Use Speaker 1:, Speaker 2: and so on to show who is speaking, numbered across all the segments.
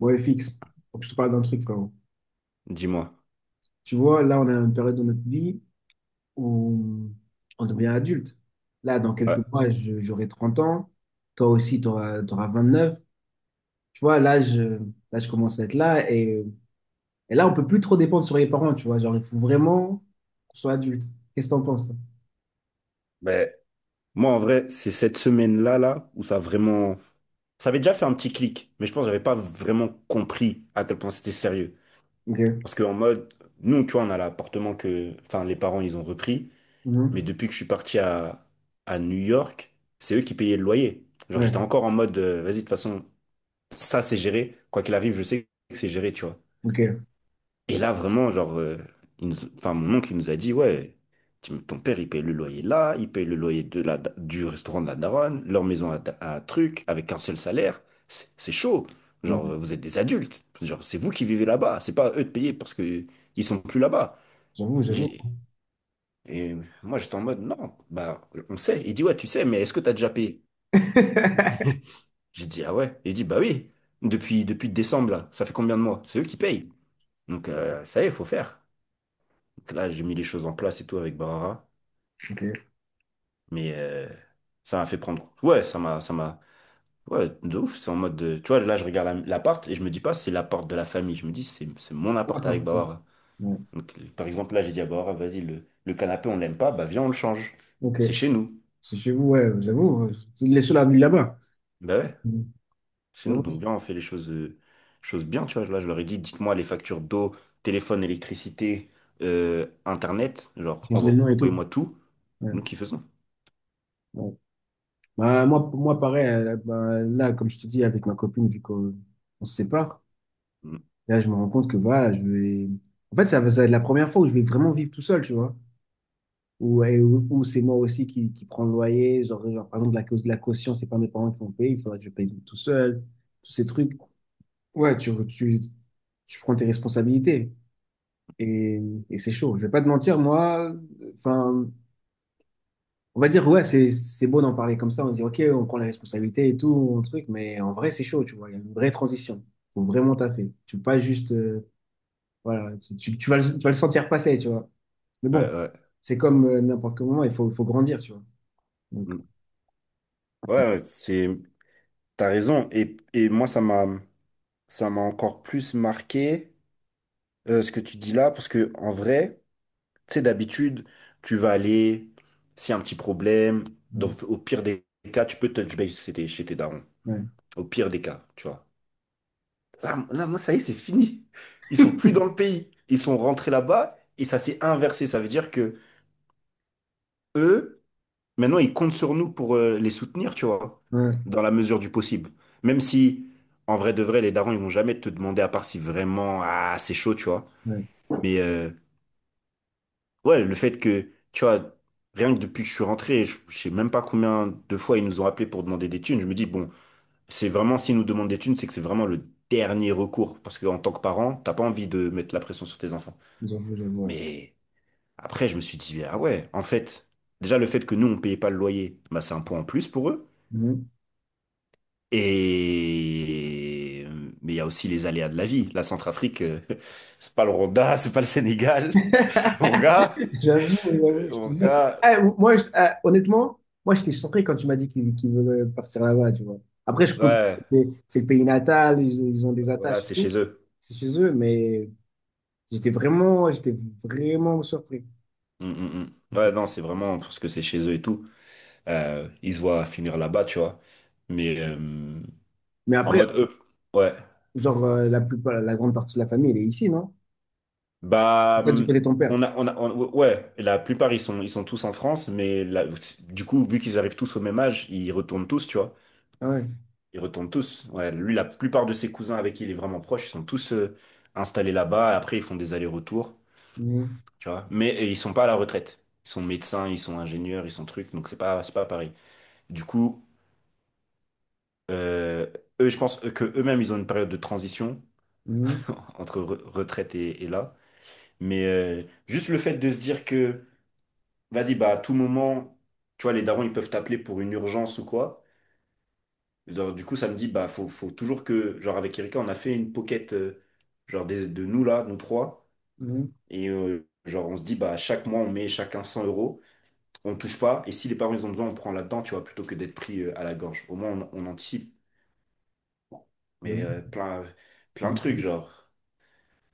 Speaker 1: Bon, FX, faut que je te parle d'un truc quand même.
Speaker 2: Dis-moi.
Speaker 1: Tu vois, là, on a une période de notre vie où on devient adulte. Là, dans quelques
Speaker 2: Ouais.
Speaker 1: mois, j'aurai 30 ans. Toi aussi, tu auras, 29. Tu vois, là, je commence à être là. Et là, on peut plus trop dépendre sur les parents, tu vois. Genre, il faut vraiment qu'on soit adulte. Qu'est-ce que t'en penses, toi?
Speaker 2: Ben, moi, en vrai, c'est cette semaine-là, là, où ça a vraiment... Ça avait déjà fait un petit clic, mais je pense que j'avais pas vraiment compris à quel point c'était sérieux.
Speaker 1: Ok.
Speaker 2: Parce que en mode, nous, tu vois, on a l'appartement que... Enfin, les parents, ils ont repris. Mais
Speaker 1: Mhm.
Speaker 2: depuis que je suis parti à New York, c'est eux qui payaient le loyer. Genre, j'étais
Speaker 1: Ouais.
Speaker 2: encore en mode, vas-y, de toute façon, ça, c'est géré. Quoi qu'il arrive, je sais que c'est géré, tu vois.
Speaker 1: Ok.
Speaker 2: Et là, vraiment, genre, enfin, mon oncle, il nous a dit, ouais, ton père, il paye le loyer là, il paye le loyer de du restaurant de la daronne, leur maison à truc, avec un seul salaire. C'est chaud.
Speaker 1: Ouais.
Speaker 2: Genre, vous êtes des adultes. Genre, c'est vous qui vivez là-bas. C'est pas à eux de payer parce que ils sont plus là-bas.
Speaker 1: J'avoue, j'avoue.
Speaker 2: J'ai- Et moi, j'étais en mode, non, bah, on sait. Il dit, ouais, tu sais, mais est-ce que t'as déjà payé? J'ai dit, ah ouais. Il dit, bah oui, depuis décembre, là, ça fait combien de mois? C'est eux qui payent. Donc, ça y est, faut faire. Là, j'ai mis les choses en place et tout avec Barara.
Speaker 1: Ok.
Speaker 2: Mais ça m'a fait prendre. Ouais, ça m'a. Ouais, de ouf. C'est en mode. Tu vois, là, je regarde l'appart et je me dis pas, c'est l'appart de la famille. Je me dis, c'est mon
Speaker 1: Ouais.
Speaker 2: appart avec Barara.
Speaker 1: Ouais.
Speaker 2: Donc, par exemple, là, j'ai dit à Barara, vas-y, le canapé, on l'aime pas, bah viens, on le change.
Speaker 1: Ok.
Speaker 2: C'est chez nous.
Speaker 1: C'est chez vous, ouais, j'avoue. Ouais. C'est les seuls à vivre là-bas.
Speaker 2: Bah ouais, chez nous. Donc,
Speaker 1: Mhm.
Speaker 2: viens, on fait les choses, choses bien. Tu vois, là, je leur ai dit, dites-moi les factures d'eau, téléphone, électricité, internet. Genre,
Speaker 1: Changer le nom et tout.
Speaker 2: envoyez-moi tout.
Speaker 1: Ouais.
Speaker 2: Et nous qui faisons.
Speaker 1: Ouais. Bah, moi, pour moi, pareil, bah, là, comme je te dis, avec ma copine, vu qu'on on se sépare,
Speaker 2: Mm.
Speaker 1: là, je me rends compte que voilà, je vais. En fait, ça va être la première fois où je vais vraiment vivre tout seul, tu vois. Où c'est moi aussi qui prends le loyer. Genre, par exemple, la cause de la caution, c'est pas mes parents qui vont payer, il faudra que je paye tout seul, tous ces trucs. Ouais, tu prends tes responsabilités. Et, et c'est chaud. Je vais pas te mentir, moi, enfin. On va dire, ouais, c'est beau d'en parler comme ça, on se dit, ok, on prend la responsabilité et tout, on truc, mais en vrai, c'est chaud, tu vois, il y a une vraie transition. Faut vraiment taffer. Tu peux pas juste, voilà, tu vas le sentir passer, tu vois. Mais
Speaker 2: Ouais,
Speaker 1: bon,
Speaker 2: ouais.
Speaker 1: c'est comme n'importe quel moment, il faut grandir, tu vois. Donc,
Speaker 2: Mm. Ouais, ouais, t'as raison. Et moi, ça m'a encore plus marqué ce que tu dis là, parce que en vrai, tu sais, d'habitude, tu vas aller, s'il y a un petit problème,
Speaker 1: euh,
Speaker 2: donc au pire des cas, tu peux touch base chez chez tes darons.
Speaker 1: ouais,
Speaker 2: Au pire des cas, tu vois. Là, moi, ça y est, c'est fini. Ils sont plus dans le pays. Ils sont rentrés là-bas et ça s'est inversé. Ça veut dire que eux, maintenant, ils comptent sur nous pour les soutenir, tu vois,
Speaker 1: ouais,
Speaker 2: dans la mesure du possible. Même si, en vrai de vrai, les darons, ils vont jamais te demander, à part si vraiment, ah, c'est chaud, tu vois.
Speaker 1: ouais,
Speaker 2: Mais ouais, le fait que, tu vois, rien que depuis que je suis rentré, je sais même pas combien de fois ils nous ont appelés pour demander des thunes. Je me dis, bon, c'est vraiment, s'ils nous demandent des thunes, c'est que c'est vraiment le dernier recours. Parce qu'en tant que parent, t'as pas envie de mettre la pression sur tes enfants.
Speaker 1: j'avoue, j'avoue, ouais.
Speaker 2: Mais après, je me suis dit, ah ouais, en fait, déjà, le fait que nous, on payait pas le loyer, bah, c'est un point en plus pour eux.
Speaker 1: Mhm.
Speaker 2: Et mais il y a aussi les aléas de la vie. La Centrafrique, c'est pas le Rwanda, c'est pas le Sénégal. Mon gars,
Speaker 1: J'avoue, j'avoue, je te
Speaker 2: mon
Speaker 1: jure.
Speaker 2: gars,
Speaker 1: Eh, moi, honnêtement, moi, j'étais surpris quand tu m'as dit qu'il voulait partir là-bas, tu vois. Après, je comprends, c'est
Speaker 2: ouais,
Speaker 1: le c'est le pays natal, ils ont des
Speaker 2: voilà,
Speaker 1: attaches et
Speaker 2: c'est
Speaker 1: tout.
Speaker 2: chez eux.
Speaker 1: C'est chez eux, mais j'étais vraiment surpris.
Speaker 2: Mm, mm, mm. Ouais, non, c'est vraiment parce que c'est chez eux et tout. Ils se voient finir là-bas, tu vois. Mais
Speaker 1: Mais
Speaker 2: en
Speaker 1: après,
Speaker 2: mode eux, ouais.
Speaker 1: genre, la grande partie de la famille, elle est ici, non? En
Speaker 2: Bah,
Speaker 1: fait, du côté de ton père.
Speaker 2: ouais. La plupart ils sont tous en France, mais du coup, vu qu'ils arrivent tous au même âge, ils retournent tous, tu vois.
Speaker 1: Ah ouais.
Speaker 2: Ils retournent tous. Ouais, lui, la plupart de ses cousins avec qui il est vraiment proche, ils sont tous installés là-bas. Après, ils font des allers-retours,
Speaker 1: Mhm.
Speaker 2: tu vois. Mais ils sont pas à la retraite. Ils sont médecins, ils sont ingénieurs, ils sont trucs. Donc c'est pas pareil. Du coup, euh, eux, je pense que eux-mêmes, ils ont une période de transition
Speaker 1: Mhm.
Speaker 2: entre retraite et là. Mais juste le fait de se dire que, vas-y, bah à tout moment, tu vois, les darons, ils peuvent t'appeler pour une urgence ou quoi. Genre, du coup, ça me dit, bah, faut toujours que, genre, avec Erika, on a fait une pocket, genre, de nous là, nous trois.
Speaker 1: Mhm.
Speaker 2: Et, genre, on se dit, bah, chaque mois, on met chacun 100 euros, on touche pas. Et si les parents, ils ont besoin, on prend là-dedans, tu vois, plutôt que d'être pris, à la gorge. Au moins, on anticipe. Mais,
Speaker 1: J'avoue, c'est
Speaker 2: plein de
Speaker 1: un
Speaker 2: trucs,
Speaker 1: peu-
Speaker 2: genre.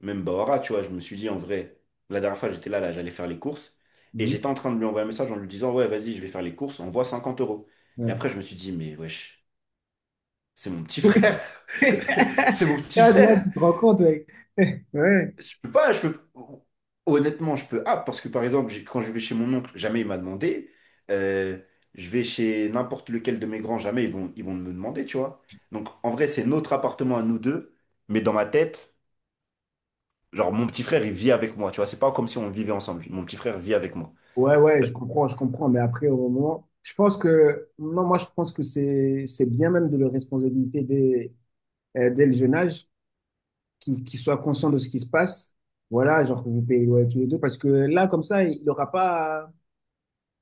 Speaker 2: Même Bahora, tu vois, je me suis dit, en vrai, la dernière fois, j'étais là, là, j'allais faire les courses. Et
Speaker 1: Mhm.
Speaker 2: j'étais en train de lui envoyer un message en lui disant, ouais, vas-y, je vais faire les courses, on voit 50 euros. Et
Speaker 1: Ouais.
Speaker 2: après, je me suis dit, mais wesh, c'est mon petit frère. C'est mon petit
Speaker 1: Ah,
Speaker 2: frère.
Speaker 1: là, tu te rends compte, mec. Ouais.
Speaker 2: Je peux pas, je peux... Honnêtement, je peux. Ah, parce que par exemple, quand je vais chez mon oncle, jamais il m'a demandé. Euh, je vais chez n'importe lequel de mes grands, jamais ils vont me demander, tu vois. Donc en vrai, c'est notre appartement à nous deux, mais dans ma tête, genre mon petit frère, il vit avec moi, tu vois. C'est pas comme si on vivait ensemble. Mon petit frère vit avec moi.
Speaker 1: Ouais, ouais,
Speaker 2: Le-
Speaker 1: je comprends, mais après, au moment, je pense que, non, moi, je pense que c'est bien même de le responsabilité dès, dès le jeune âge, qu'il soit conscient de ce qui se passe. Voilà, genre que vous payez ouais, tous les deux, parce que là, comme ça, il n'aura pas,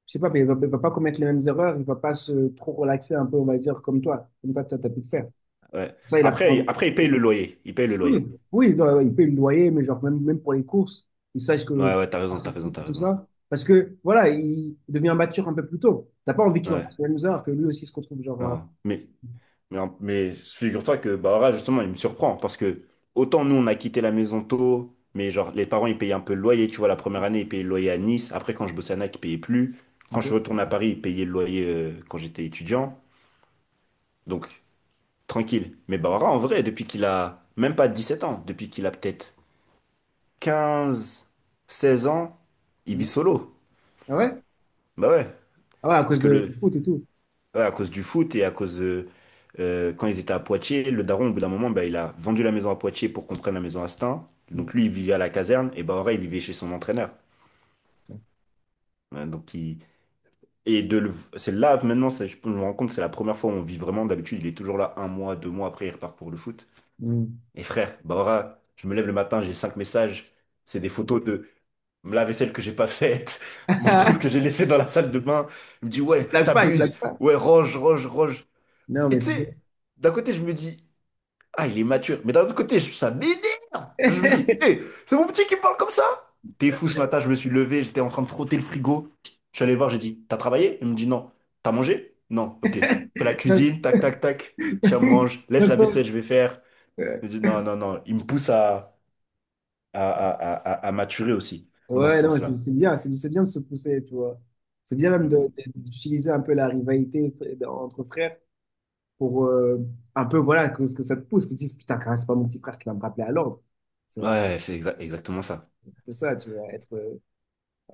Speaker 1: je sais pas, mais il va pas commettre les mêmes erreurs, il va pas se trop relaxer un peu, on va dire, comme toi, toi, t'as pu le faire.
Speaker 2: ouais.
Speaker 1: Ça, il apprend.
Speaker 2: Après, il paye le loyer. Il paye le
Speaker 1: Oui,
Speaker 2: loyer.
Speaker 1: oui, non, ouais, il paye le loyer, mais genre même, même pour les courses, il sache que
Speaker 2: Ouais,
Speaker 1: tu
Speaker 2: ouais,
Speaker 1: participes
Speaker 2: t'as
Speaker 1: et tout
Speaker 2: raison.
Speaker 1: ça. Parce que voilà, il devient mature un peu plus tôt. T'as pas envie qu'il
Speaker 2: Ouais,
Speaker 1: refasse le même erreur, que lui aussi se retrouve genre.
Speaker 2: non. Mais, mais figure-toi que Bahora, justement, il me surprend. Parce que autant nous, on a quitté la maison tôt, mais genre, les parents, ils payaient un peu le loyer. Tu vois, la première année, ils payaient le loyer à Nice. Après, quand je bossais à NAC, ils payaient plus. Quand je suis
Speaker 1: Ok.
Speaker 2: retourné à Paris, ils payaient le loyer quand j'étais étudiant. Donc, tranquille. Mais Bahora, en vrai, depuis qu'il a même pas 17 ans, depuis qu'il a peut-être 15 16 ans, il vit
Speaker 1: Mm.
Speaker 2: solo.
Speaker 1: Ah ouais?
Speaker 2: Bah ouais.
Speaker 1: Ah ouais, à
Speaker 2: Parce
Speaker 1: cause
Speaker 2: que
Speaker 1: de du
Speaker 2: le,
Speaker 1: foot et tout.
Speaker 2: ouais, à cause du foot et à cause quand ils étaient à Poitiers, le daron, au bout d'un moment, bah, il a vendu la maison à Poitiers pour qu'on prenne la maison à Stains.
Speaker 1: Mm.
Speaker 2: Donc lui, il vivait à la caserne et Bahoré, il vivait chez son entraîneur.
Speaker 1: Putain.
Speaker 2: Ouais, donc il... c'est là maintenant, je me rends compte, c'est la première fois où on vit vraiment. D'habitude, il est toujours là un mois, deux mois après, il repart pour le foot.
Speaker 1: Mm.
Speaker 2: Et frère, Bahora, je me lève le matin, j'ai 5 messages. C'est des photos de la vaisselle que j'ai pas faite, mon truc que j'ai laissé dans la salle de bain. Il me dit
Speaker 1: Il
Speaker 2: ouais,
Speaker 1: blague pas, il
Speaker 2: t'abuses,
Speaker 1: blague pas.
Speaker 2: ouais, range.
Speaker 1: Non,
Speaker 2: Et
Speaker 1: mais
Speaker 2: tu
Speaker 1: c'est bon.
Speaker 2: sais, d'un côté, je me dis, ah, il est mature. Mais d'un autre côté, ça m'énerve. Je me dis, hé, c'est mon petit qui me parle comme ça. T'es fou ce matin, je me suis levé, j'étais en train de frotter le frigo. Je suis allé le voir, j'ai dit, t'as travaillé? Il me dit non. T'as mangé? Non, ok. Fais la
Speaker 1: Donc-
Speaker 2: cuisine, tac, tac, tac. Tiens, mange, laisse la
Speaker 1: donc,
Speaker 2: vaisselle, je vais faire.
Speaker 1: euh,
Speaker 2: Il me dit non, non, non. Il me pousse à à maturer aussi, dans ce
Speaker 1: Ouais, non, mais c'est
Speaker 2: sens-là.
Speaker 1: c'est bien, c'est bien de se pousser, tu vois. C'est bien
Speaker 2: Mm,
Speaker 1: même
Speaker 2: mm.
Speaker 1: d'utiliser un peu la rivalité entre frères pour un peu, voilà, que ça te pousse, que tu te dises, putain, quand même, c'est pas mon petit frère qui va me rappeler à l'ordre. C'est un
Speaker 2: Ouais, c'est exactement ça.
Speaker 1: peu ça, tu vois, être.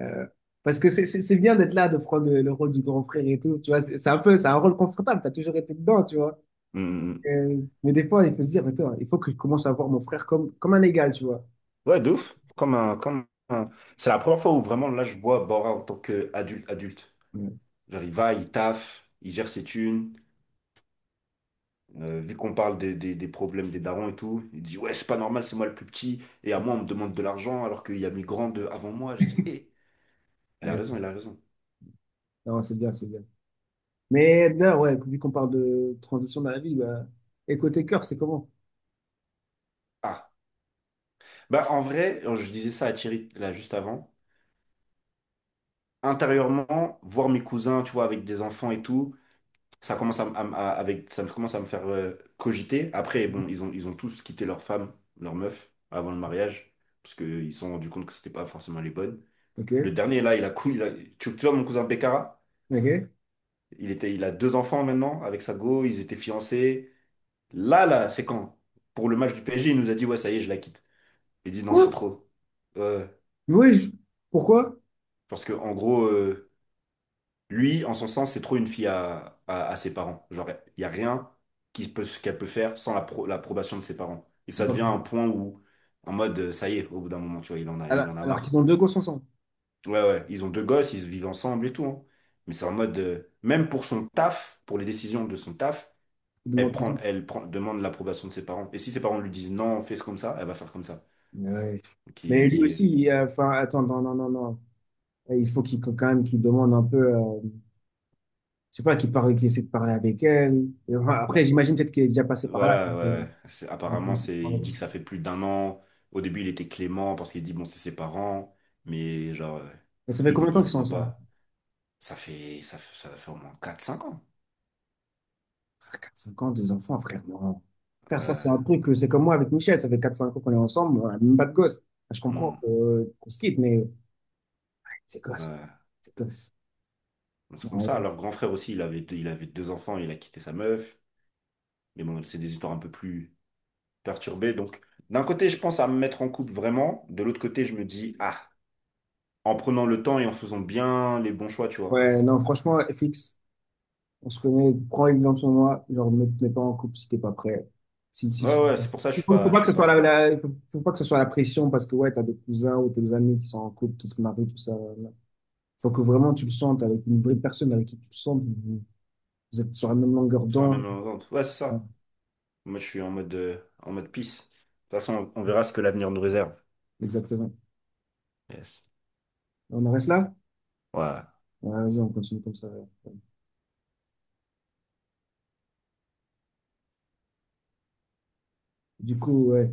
Speaker 1: euh, Parce que c'est bien d'être là, de prendre le rôle du grand frère et tout, tu vois, c'est un peu, c'est un rôle confortable, t'as toujours été dedans, tu vois.
Speaker 2: Mm, mm, mm.
Speaker 1: Mais des fois, il faut se dire, attends, il faut que je commence à voir mon frère comme un égal, tu vois.
Speaker 2: Ouais, de ouf. C'est la première fois où vraiment, là, je vois Bora en tant qu'adulte, adulte.
Speaker 1: Ouais, non,
Speaker 2: Genre, il va,
Speaker 1: c'est
Speaker 2: il taffe, il gère ses thunes. Vu qu'on parle des problèmes des darons et tout, il dit, ouais, c'est pas normal, c'est moi le plus petit. Et à moi, on me demande de l'argent alors qu'il y a mes grands avant moi. J'ai dit, hé,
Speaker 1: ouais,
Speaker 2: il a raison.
Speaker 1: non, c'est bien, c'est bien. Mais là, ouais, vu qu'on parle de transition dans la vie, bah, et côté cœur, c'est comment?
Speaker 2: Ah, bah en vrai, je disais ça à Thierry là juste avant. Intérieurement, voir mes cousins, tu vois, avec des enfants et tout, ça commence avec, ça me commence à me faire cogiter. Après, bon, ils ont tous quitté leur femme, leur meuf, avant le mariage, parce qu'ils se sont rendus compte que c'était pas forcément les bonnes.
Speaker 1: Ok,
Speaker 2: Le dernier, là, il a cool. Tu vois mon cousin Bekara?
Speaker 1: ok.
Speaker 2: Il a deux enfants maintenant avec sa go, ils étaient fiancés. Là, là, c'est quand? Pour le match du PSG, il nous a dit, ouais, ça y est, je la quitte. Il dit, non,
Speaker 1: Quoi?
Speaker 2: c'est trop. Euh,
Speaker 1: Oui, pourquoi?
Speaker 2: parce que, en gros, lui, en son sens, c'est trop une fille à ses parents. Genre, il n'y a rien qui peut, qu'elle peut faire sans la l'approbation de ses parents. Et ça devient un point où, en mode, ça y est, au bout d'un moment, tu vois,
Speaker 1: Alors,
Speaker 2: il en a
Speaker 1: qu'ils
Speaker 2: marre.
Speaker 1: ont deux gosses ensemble.
Speaker 2: Ouais, ouais, ils ont deux gosses, ils vivent ensemble et tout. Hein. Mais c'est en mode, même pour son taf, pour les décisions de son taf,
Speaker 1: Ils
Speaker 2: elle prend, demande l'approbation de ses parents. Et si ses parents lui disent non, fais ce comme ça, elle va faire comme ça.
Speaker 1: Ouais.
Speaker 2: Donc il a
Speaker 1: Mais lui
Speaker 2: dit,
Speaker 1: aussi, enfin, attends, non, non, non, non. Et il faut qu'il quand même qu'il demande un peu, je sais pas, qu'il parle, qu'il essaie de parler avec elle. Et enfin, après,
Speaker 2: bah
Speaker 1: j'imagine peut-être qu'il est déjà passé par là.
Speaker 2: voilà, ouais.
Speaker 1: euh,
Speaker 2: Ouais.
Speaker 1: donc,
Speaker 2: Apparemment, c'est,
Speaker 1: euh,
Speaker 2: il dit que ça fait plus d'un an. Au début, il était clément parce qu'il dit bon, c'est ses parents, mais genre,
Speaker 1: Mais ça fait combien de temps
Speaker 2: il
Speaker 1: qu'ils
Speaker 2: se
Speaker 1: sont
Speaker 2: voit
Speaker 1: ensemble?
Speaker 2: pas. Ça fait au moins 4 à 5 ans.
Speaker 1: Ah, 4-5 ans, des enfants, frère. Non. Frère, ça, c'est un
Speaker 2: Ouais.
Speaker 1: truc, c'est comme moi avec Michel, ça fait 4-5 ans qu'on est ensemble, on a même pas de gosse. Enfin, je
Speaker 2: Hmm.
Speaker 1: comprends qu'on se quitte, mais c'est gosse,
Speaker 2: Ouais.
Speaker 1: c'est gosse.
Speaker 2: C'est comme
Speaker 1: Non,
Speaker 2: ça.
Speaker 1: ouais.
Speaker 2: Leur grand frère aussi, il avait deux enfants, il a quitté sa meuf. Mais bon, c'est des histoires un peu plus perturbées. Donc, d'un côté, je pense à me mettre en couple vraiment. De l'autre côté, je me dis, ah, en prenant le temps et en faisant bien les bons choix, tu vois.
Speaker 1: Ouais, non, franchement, FX. On se connaît, prends exemple sur moi, genre ne te mets pas en couple si t'es pas prêt. Si, si
Speaker 2: Ouais,
Speaker 1: tu-
Speaker 2: ouais, c'est pour ça que
Speaker 1: il faut, faut
Speaker 2: je
Speaker 1: pas que
Speaker 2: suis
Speaker 1: ce soit la,
Speaker 2: pas
Speaker 1: la- faut pas que ce soit la pression parce que ouais, t'as des cousins ou tes amis qui sont en couple, qui se marient, tout ça. Il Faut que vraiment tu le sentes avec une vraie personne avec qui tu le sens, vous, vous êtes sur la même longueur
Speaker 2: sur la même
Speaker 1: d'onde.
Speaker 2: longueur d'onde. Ouais, c'est
Speaker 1: Ouais.
Speaker 2: ça. Moi, je suis en mode peace. De toute façon, on verra ce que l'avenir nous réserve.
Speaker 1: Exactement.
Speaker 2: Yes.
Speaker 1: On en reste là?
Speaker 2: Ouais.
Speaker 1: Ouais, vas-y, on continue comme ça. Du coup, ouais.